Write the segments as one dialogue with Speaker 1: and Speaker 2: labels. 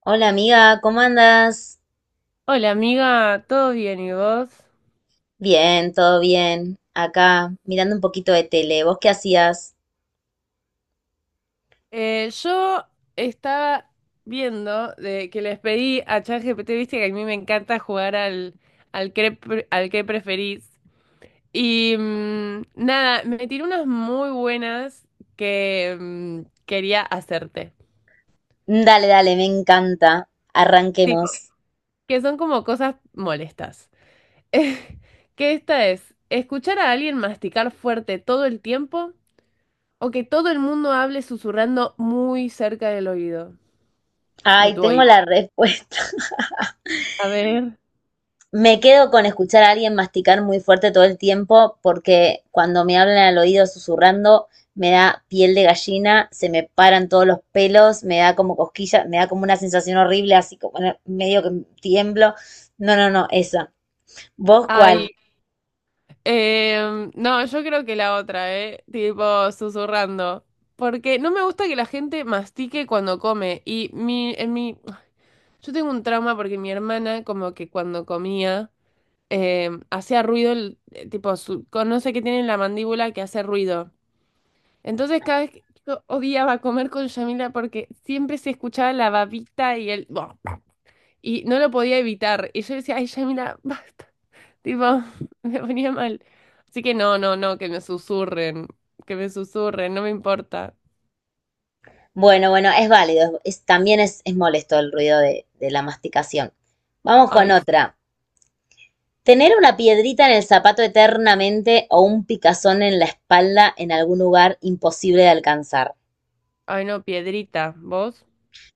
Speaker 1: Hola amiga, ¿cómo andas?
Speaker 2: Hola amiga, ¿todo bien y vos?
Speaker 1: Bien, todo bien. Acá, mirando un poquito de tele. ¿Vos qué hacías?
Speaker 2: Yo estaba viendo de que les pedí a ChatGPT, viste que a mí me encanta jugar al que preferís. Y nada, me tiró unas muy buenas que quería hacerte.
Speaker 1: Dale, dale, me encanta.
Speaker 2: Tipo,
Speaker 1: Arranquemos.
Speaker 2: que son como cosas molestas. Que esta es, escuchar a alguien masticar fuerte todo el tiempo o que todo el mundo hable susurrando muy cerca del oído, de
Speaker 1: Ay,
Speaker 2: tu
Speaker 1: tengo
Speaker 2: oído.
Speaker 1: la respuesta.
Speaker 2: A ver.
Speaker 1: Me quedo con escuchar a alguien masticar muy fuerte todo el tiempo porque cuando me hablan al oído susurrando me da piel de gallina, se me paran todos los pelos, me da como cosquilla, me da como una sensación horrible, así como medio que tiemblo. No, no, no, esa. ¿Vos
Speaker 2: Ay.
Speaker 1: cuál?
Speaker 2: No, yo creo que la otra, ¿eh? Tipo, susurrando. Porque no me gusta que la gente mastique cuando come. Yo tengo un trauma porque mi hermana, como que cuando comía, hacía ruido, tipo, no sé qué tiene en la mandíbula que hace ruido. Entonces, cada vez que yo odiaba comer con Yamila porque siempre se escuchaba la babita y el. Y no lo podía evitar. Y yo decía, ay, Yamila, basta. Tipo, me ponía mal. Así que no, no, no, que me susurren, no me importa.
Speaker 1: Bueno, bueno, es válido. También es molesto el ruido de la masticación. Vamos con
Speaker 2: Ay, s-
Speaker 1: otra. Tener una piedrita en el zapato eternamente o un picazón en la espalda en algún lugar imposible de alcanzar.
Speaker 2: ay, no, piedrita, ¿vos?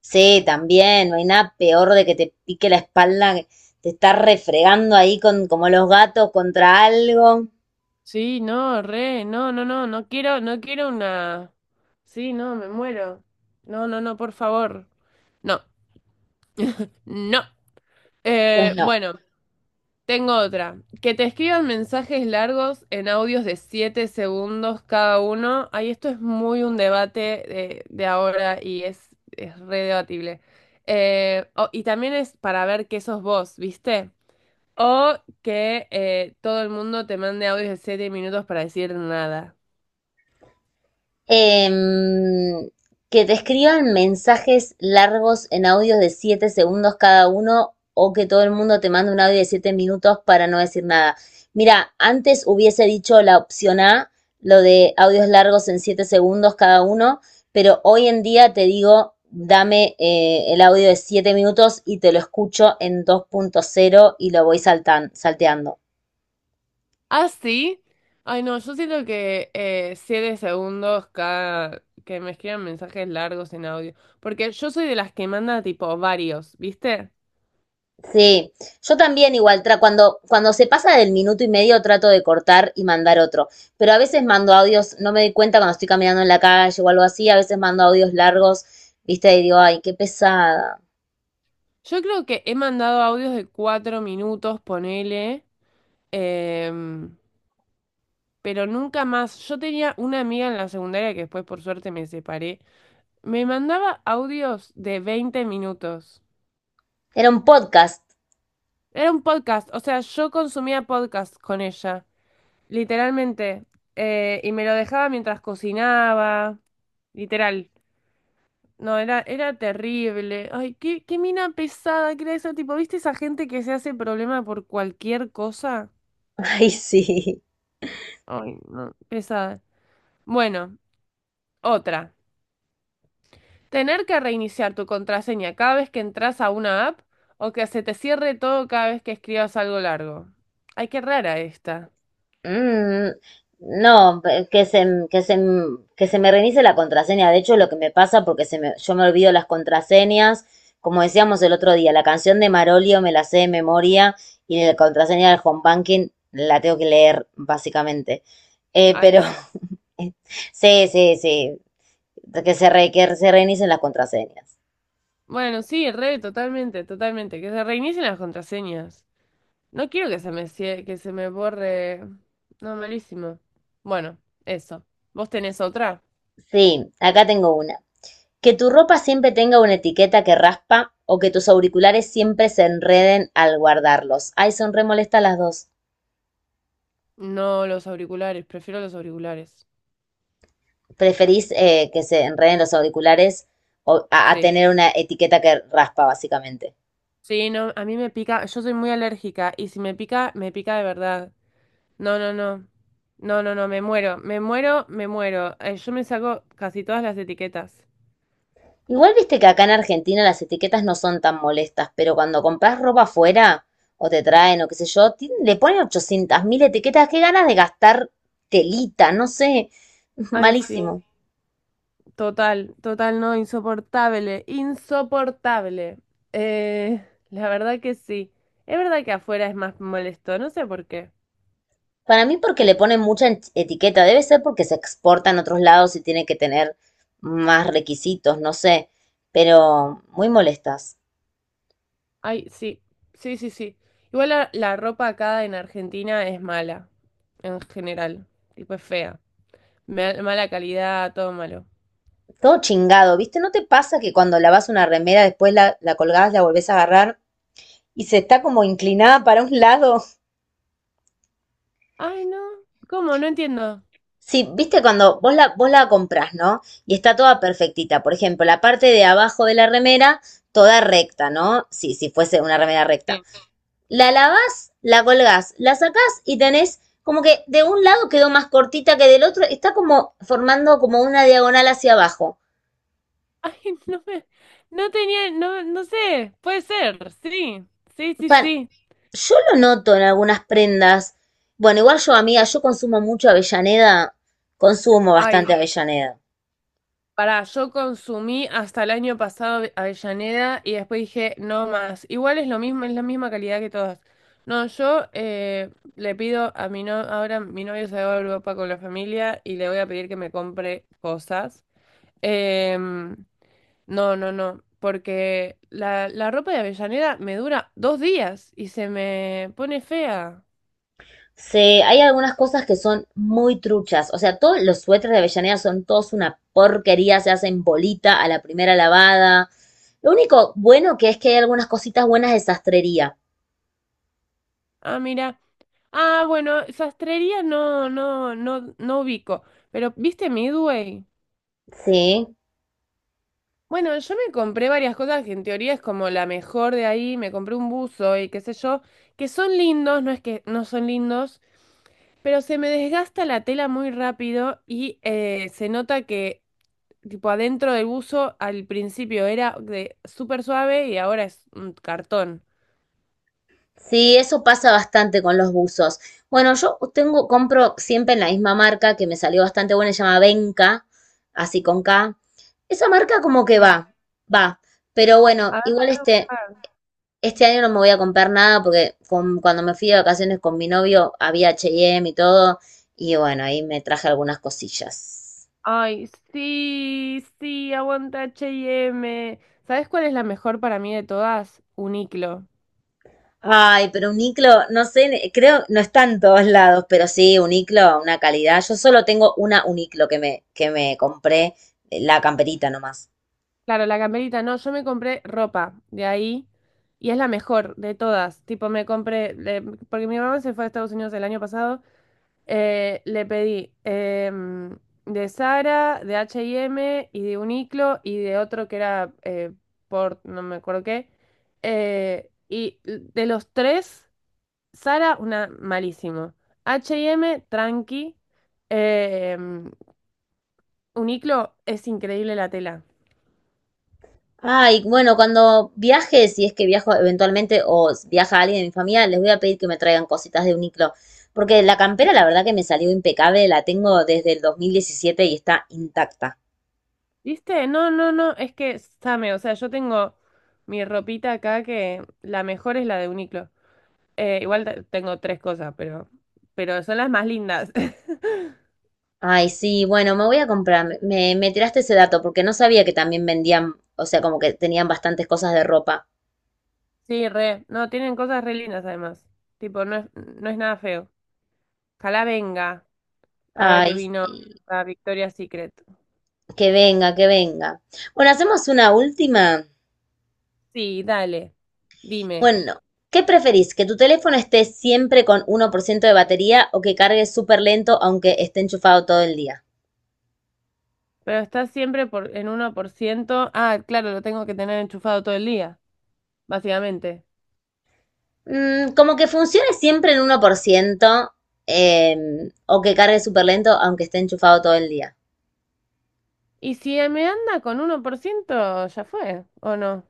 Speaker 1: Sí, también, no hay nada peor de que te pique la espalda, que te estás refregando ahí como los gatos contra algo.
Speaker 2: Sí, no, re, no, no, no, no quiero, no quiero una. Sí, no, me muero. No, no, no, por favor. No, no.
Speaker 1: Pues no.
Speaker 2: Bueno. Tengo otra. Que te escriban mensajes largos en audios de 7 segundos cada uno. Ay, esto es muy un debate de ahora y es re debatible. Y también es para ver qué sos vos, ¿viste? O que todo el mundo te mande audios de 7 minutos para decir nada.
Speaker 1: Em, que te escriban mensajes largos en audios de 7 segundos cada uno o que todo el mundo te mande un audio de 7 minutos para no decir nada. Mira, antes hubiese dicho la opción A, lo de audios largos en 7 segundos cada uno, pero hoy en día te digo, dame el audio de 7 minutos y te lo escucho en 2.0 y lo voy salteando.
Speaker 2: ¿Ah, sí? Ay, no, yo siento que 7 segundos cada... que me escriban mensajes largos en audio. Porque yo soy de las que manda tipo varios, ¿viste?
Speaker 1: Sí, yo también igual, cuando, cuando se pasa del minuto y medio trato de cortar y mandar otro, pero a veces mando audios, no me doy cuenta cuando estoy caminando en la calle o algo así, a veces mando audios largos, viste, y digo, ay, qué pesada.
Speaker 2: Yo creo que he mandado audios de cuatro minutos, ponele, em, pero nunca más. Yo tenía una amiga en la secundaria que después por suerte me separé. Me mandaba audios de 20 minutos.
Speaker 1: Era un podcast.
Speaker 2: Era un podcast, o sea, yo consumía podcast con ella, literalmente. Y me lo dejaba mientras cocinaba, literal. No, era terrible. Ay, qué mina pesada que era esa, tipo, ¿viste esa gente que se hace problema por cualquier cosa?
Speaker 1: Ay, sí.
Speaker 2: Ay, no, pesada. Bueno, otra. Tener que reiniciar tu contraseña cada vez que entras a una app o que se te cierre todo cada vez que escribas algo largo. Ay, qué rara esta.
Speaker 1: Mm, no, pe- que se, m- que se, m- que se me reinicie la contraseña. De hecho, lo que me pasa, porque yo me olvido las contraseñas, como decíamos el otro día, la canción de Marolio me la sé de memoria y la contraseña del home banking la tengo que leer, básicamente. Eh,
Speaker 2: Ay,
Speaker 1: pero
Speaker 2: sí.
Speaker 1: sí, sí, sí, que se reinicien las contraseñas.
Speaker 2: Bueno, sí, re, totalmente, totalmente. Que se reinicien las contraseñas. No quiero que que se me borre. No, malísimo. Bueno, eso. ¿Vos tenés otra?
Speaker 1: Sí, acá tengo una. Que tu ropa siempre tenga una etiqueta que raspa o que tus auriculares siempre se enreden al guardarlos. Ay, son re molestas las dos.
Speaker 2: No los auriculares, prefiero los auriculares.
Speaker 1: ¿Preferís que se enreden los auriculares a tener
Speaker 2: Sí.
Speaker 1: una etiqueta que raspa, básicamente?
Speaker 2: Sí, no, a mí me pica, yo soy muy alérgica y si me pica, me pica de verdad. No, no, no. No, no, no, me muero, me muero, me muero. Yo me saco casi todas las etiquetas.
Speaker 1: Igual viste que acá en Argentina las etiquetas no son tan molestas, pero cuando compras ropa afuera o te traen o qué sé yo, le ponen 800.000 etiquetas. Qué ganas de gastar telita, no sé.
Speaker 2: Ay, sí,
Speaker 1: Malísimo.
Speaker 2: total, total, no, insoportable, insoportable. Eh, la verdad que sí. Es verdad que afuera es más molesto, no sé por qué.
Speaker 1: Para mí porque le ponen mucha etiqueta, debe ser porque se exporta en otros lados y tiene que tener más requisitos, no sé, pero muy molestas.
Speaker 2: Ay, sí, sí, sí, sí. Igual la ropa acá en Argentina es mala, en general, tipo es fea. Mala calidad, todo malo.
Speaker 1: Todo chingado, ¿viste? ¿No te pasa que cuando lavas una remera después la colgás, la volvés a agarrar y se está como inclinada para un lado?
Speaker 2: Ay, no. ¿Cómo? No entiendo.
Speaker 1: Sí, ¿viste? Cuando vos vos la comprás, ¿no? Y está toda perfectita. Por ejemplo, la parte de abajo de la remera, toda recta, ¿no? Sí, si fuese una remera
Speaker 2: Sí.
Speaker 1: recta. La lavas, la colgás, la sacás y tenés como que de un lado quedó más cortita que del otro, está como formando como una diagonal hacia abajo.
Speaker 2: Ay, no me... No tenía... No, no sé. Puede ser. Sí. Sí, sí,
Speaker 1: Pan,
Speaker 2: sí.
Speaker 1: yo lo noto en algunas prendas. Bueno, igual yo, amiga, yo consumo mucho Avellaneda, consumo
Speaker 2: Ay,
Speaker 1: bastante Avellaneda.
Speaker 2: pará. Yo consumí hasta el año pasado Avellaneda y después dije, no más. Igual es lo mismo, es la misma calidad que todas. No, yo le pido a mi no... Ahora mi novio se va a Europa con la familia y le voy a pedir que me compre cosas. Em, No, no, no, porque la ropa de Avellaneda me dura dos días y se me pone fea.
Speaker 1: Hay algunas cosas que son muy truchas. O sea, todos los suéteres de Avellaneda son todos una porquería, se hacen bolita a la primera lavada. Lo único bueno que es que hay algunas cositas buenas de sastrería.
Speaker 2: Ah, mira. Ah, bueno, sastrería no, no, no, no ubico. Pero, ¿viste Midway?
Speaker 1: Sí,
Speaker 2: Bueno, yo me compré varias cosas que en teoría es como la mejor de ahí. Me compré un buzo y qué sé yo, que son lindos, no es que no son lindos, pero se me desgasta la tela muy rápido y se nota que, tipo, adentro del buzo al principio era de súper suave y ahora es un cartón.
Speaker 1: sí, eso pasa bastante con los buzos. Bueno, yo tengo, compro siempre en la misma marca que me salió bastante buena, se llama Benka, así con K. Esa marca como que
Speaker 2: Sí.
Speaker 1: va, va. Pero
Speaker 2: A
Speaker 1: bueno,
Speaker 2: ver,
Speaker 1: igual
Speaker 2: a ver.
Speaker 1: este año no me voy a comprar nada porque cuando me fui de vacaciones con mi novio había H&M y M y todo. Y bueno, ahí me traje algunas cosillas.
Speaker 2: Ay, sí, sí, aguanta H y M. ¿Sabes cuál es la mejor para mí de todas? Uniqlo.
Speaker 1: Ay, pero un iclo, no sé, creo, no está en todos lados, pero sí, un iclo, una calidad. Yo solo tengo una uniclo que me, compré, la camperita nomás.
Speaker 2: Claro, la camperita, no, yo me compré ropa de ahí y es la mejor de todas. Tipo, porque mi mamá se fue a Estados Unidos el año pasado. Le pedí de Zara, de H&M y M y de Uniqlo y de otro que era por no me acuerdo qué. Y de los tres, Zara, una malísimo. H&M, tranqui. Em, Uniqlo es increíble la tela.
Speaker 1: Ay, bueno, cuando viaje, si es que viajo eventualmente viaja alguien de mi familia, les voy a pedir que me traigan cositas de uniclo, porque la campera la verdad que me salió impecable, la tengo desde el 2017 y está intacta.
Speaker 2: ¿Viste? No, no, no, es que, Same, o sea, yo tengo mi ropita acá que la mejor es la de Uniqlo. Igual tengo tres cosas, pero, son las más lindas.
Speaker 1: Ay, sí, bueno, me voy a comprar, me tiraste ese dato porque no sabía que también vendían, o sea, como que tenían bastantes cosas de ropa.
Speaker 2: Sí, re. No, tienen cosas re lindas además. Tipo, no es nada feo. Ojalá venga, ahora que
Speaker 1: Ay,
Speaker 2: vino
Speaker 1: sí,
Speaker 2: a Victoria's Secret.
Speaker 1: que venga, que venga. Bueno, hacemos una última.
Speaker 2: Sí, dale. Dime.
Speaker 1: Bueno, ¿qué preferís? ¿Que tu teléfono esté siempre con 1% de batería o que cargue súper lento aunque esté enchufado todo el día?
Speaker 2: Pero está siempre en uno por ciento. Ah, claro, lo tengo que tener enchufado todo el día, básicamente.
Speaker 1: Mm, como que funcione siempre en 1% o que cargue súper lento aunque esté enchufado todo el día.
Speaker 2: Y si me anda con uno por ciento ya fue, ¿o no?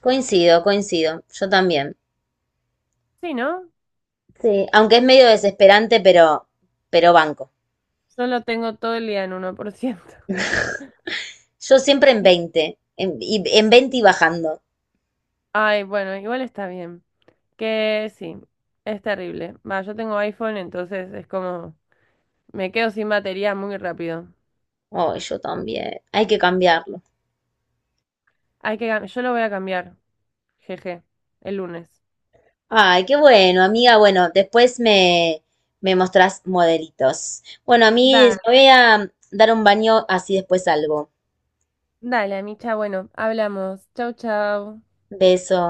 Speaker 1: Coincido, coincido. Yo también.
Speaker 2: Sí, ¿no?
Speaker 1: Sí, aunque es medio desesperante, pero banco.
Speaker 2: Yo lo tengo todo el día en uno por ciento
Speaker 1: Yo siempre en 20, en 20 y bajando.
Speaker 2: Ay, bueno, igual está bien. Que sí, es terrible. Va, yo tengo iPhone, entonces es como, me quedo sin batería muy rápido.
Speaker 1: Oh, yo también. Hay que cambiarlo.
Speaker 2: Yo lo voy a cambiar, jeje, el lunes.
Speaker 1: Ay, qué bueno, amiga. Bueno, después me mostrás modelitos. Bueno, a mí
Speaker 2: Da,
Speaker 1: me voy a dar un baño, así después salgo.
Speaker 2: dale, Micha, bueno, hablamos. Chau, chau.
Speaker 1: Beso.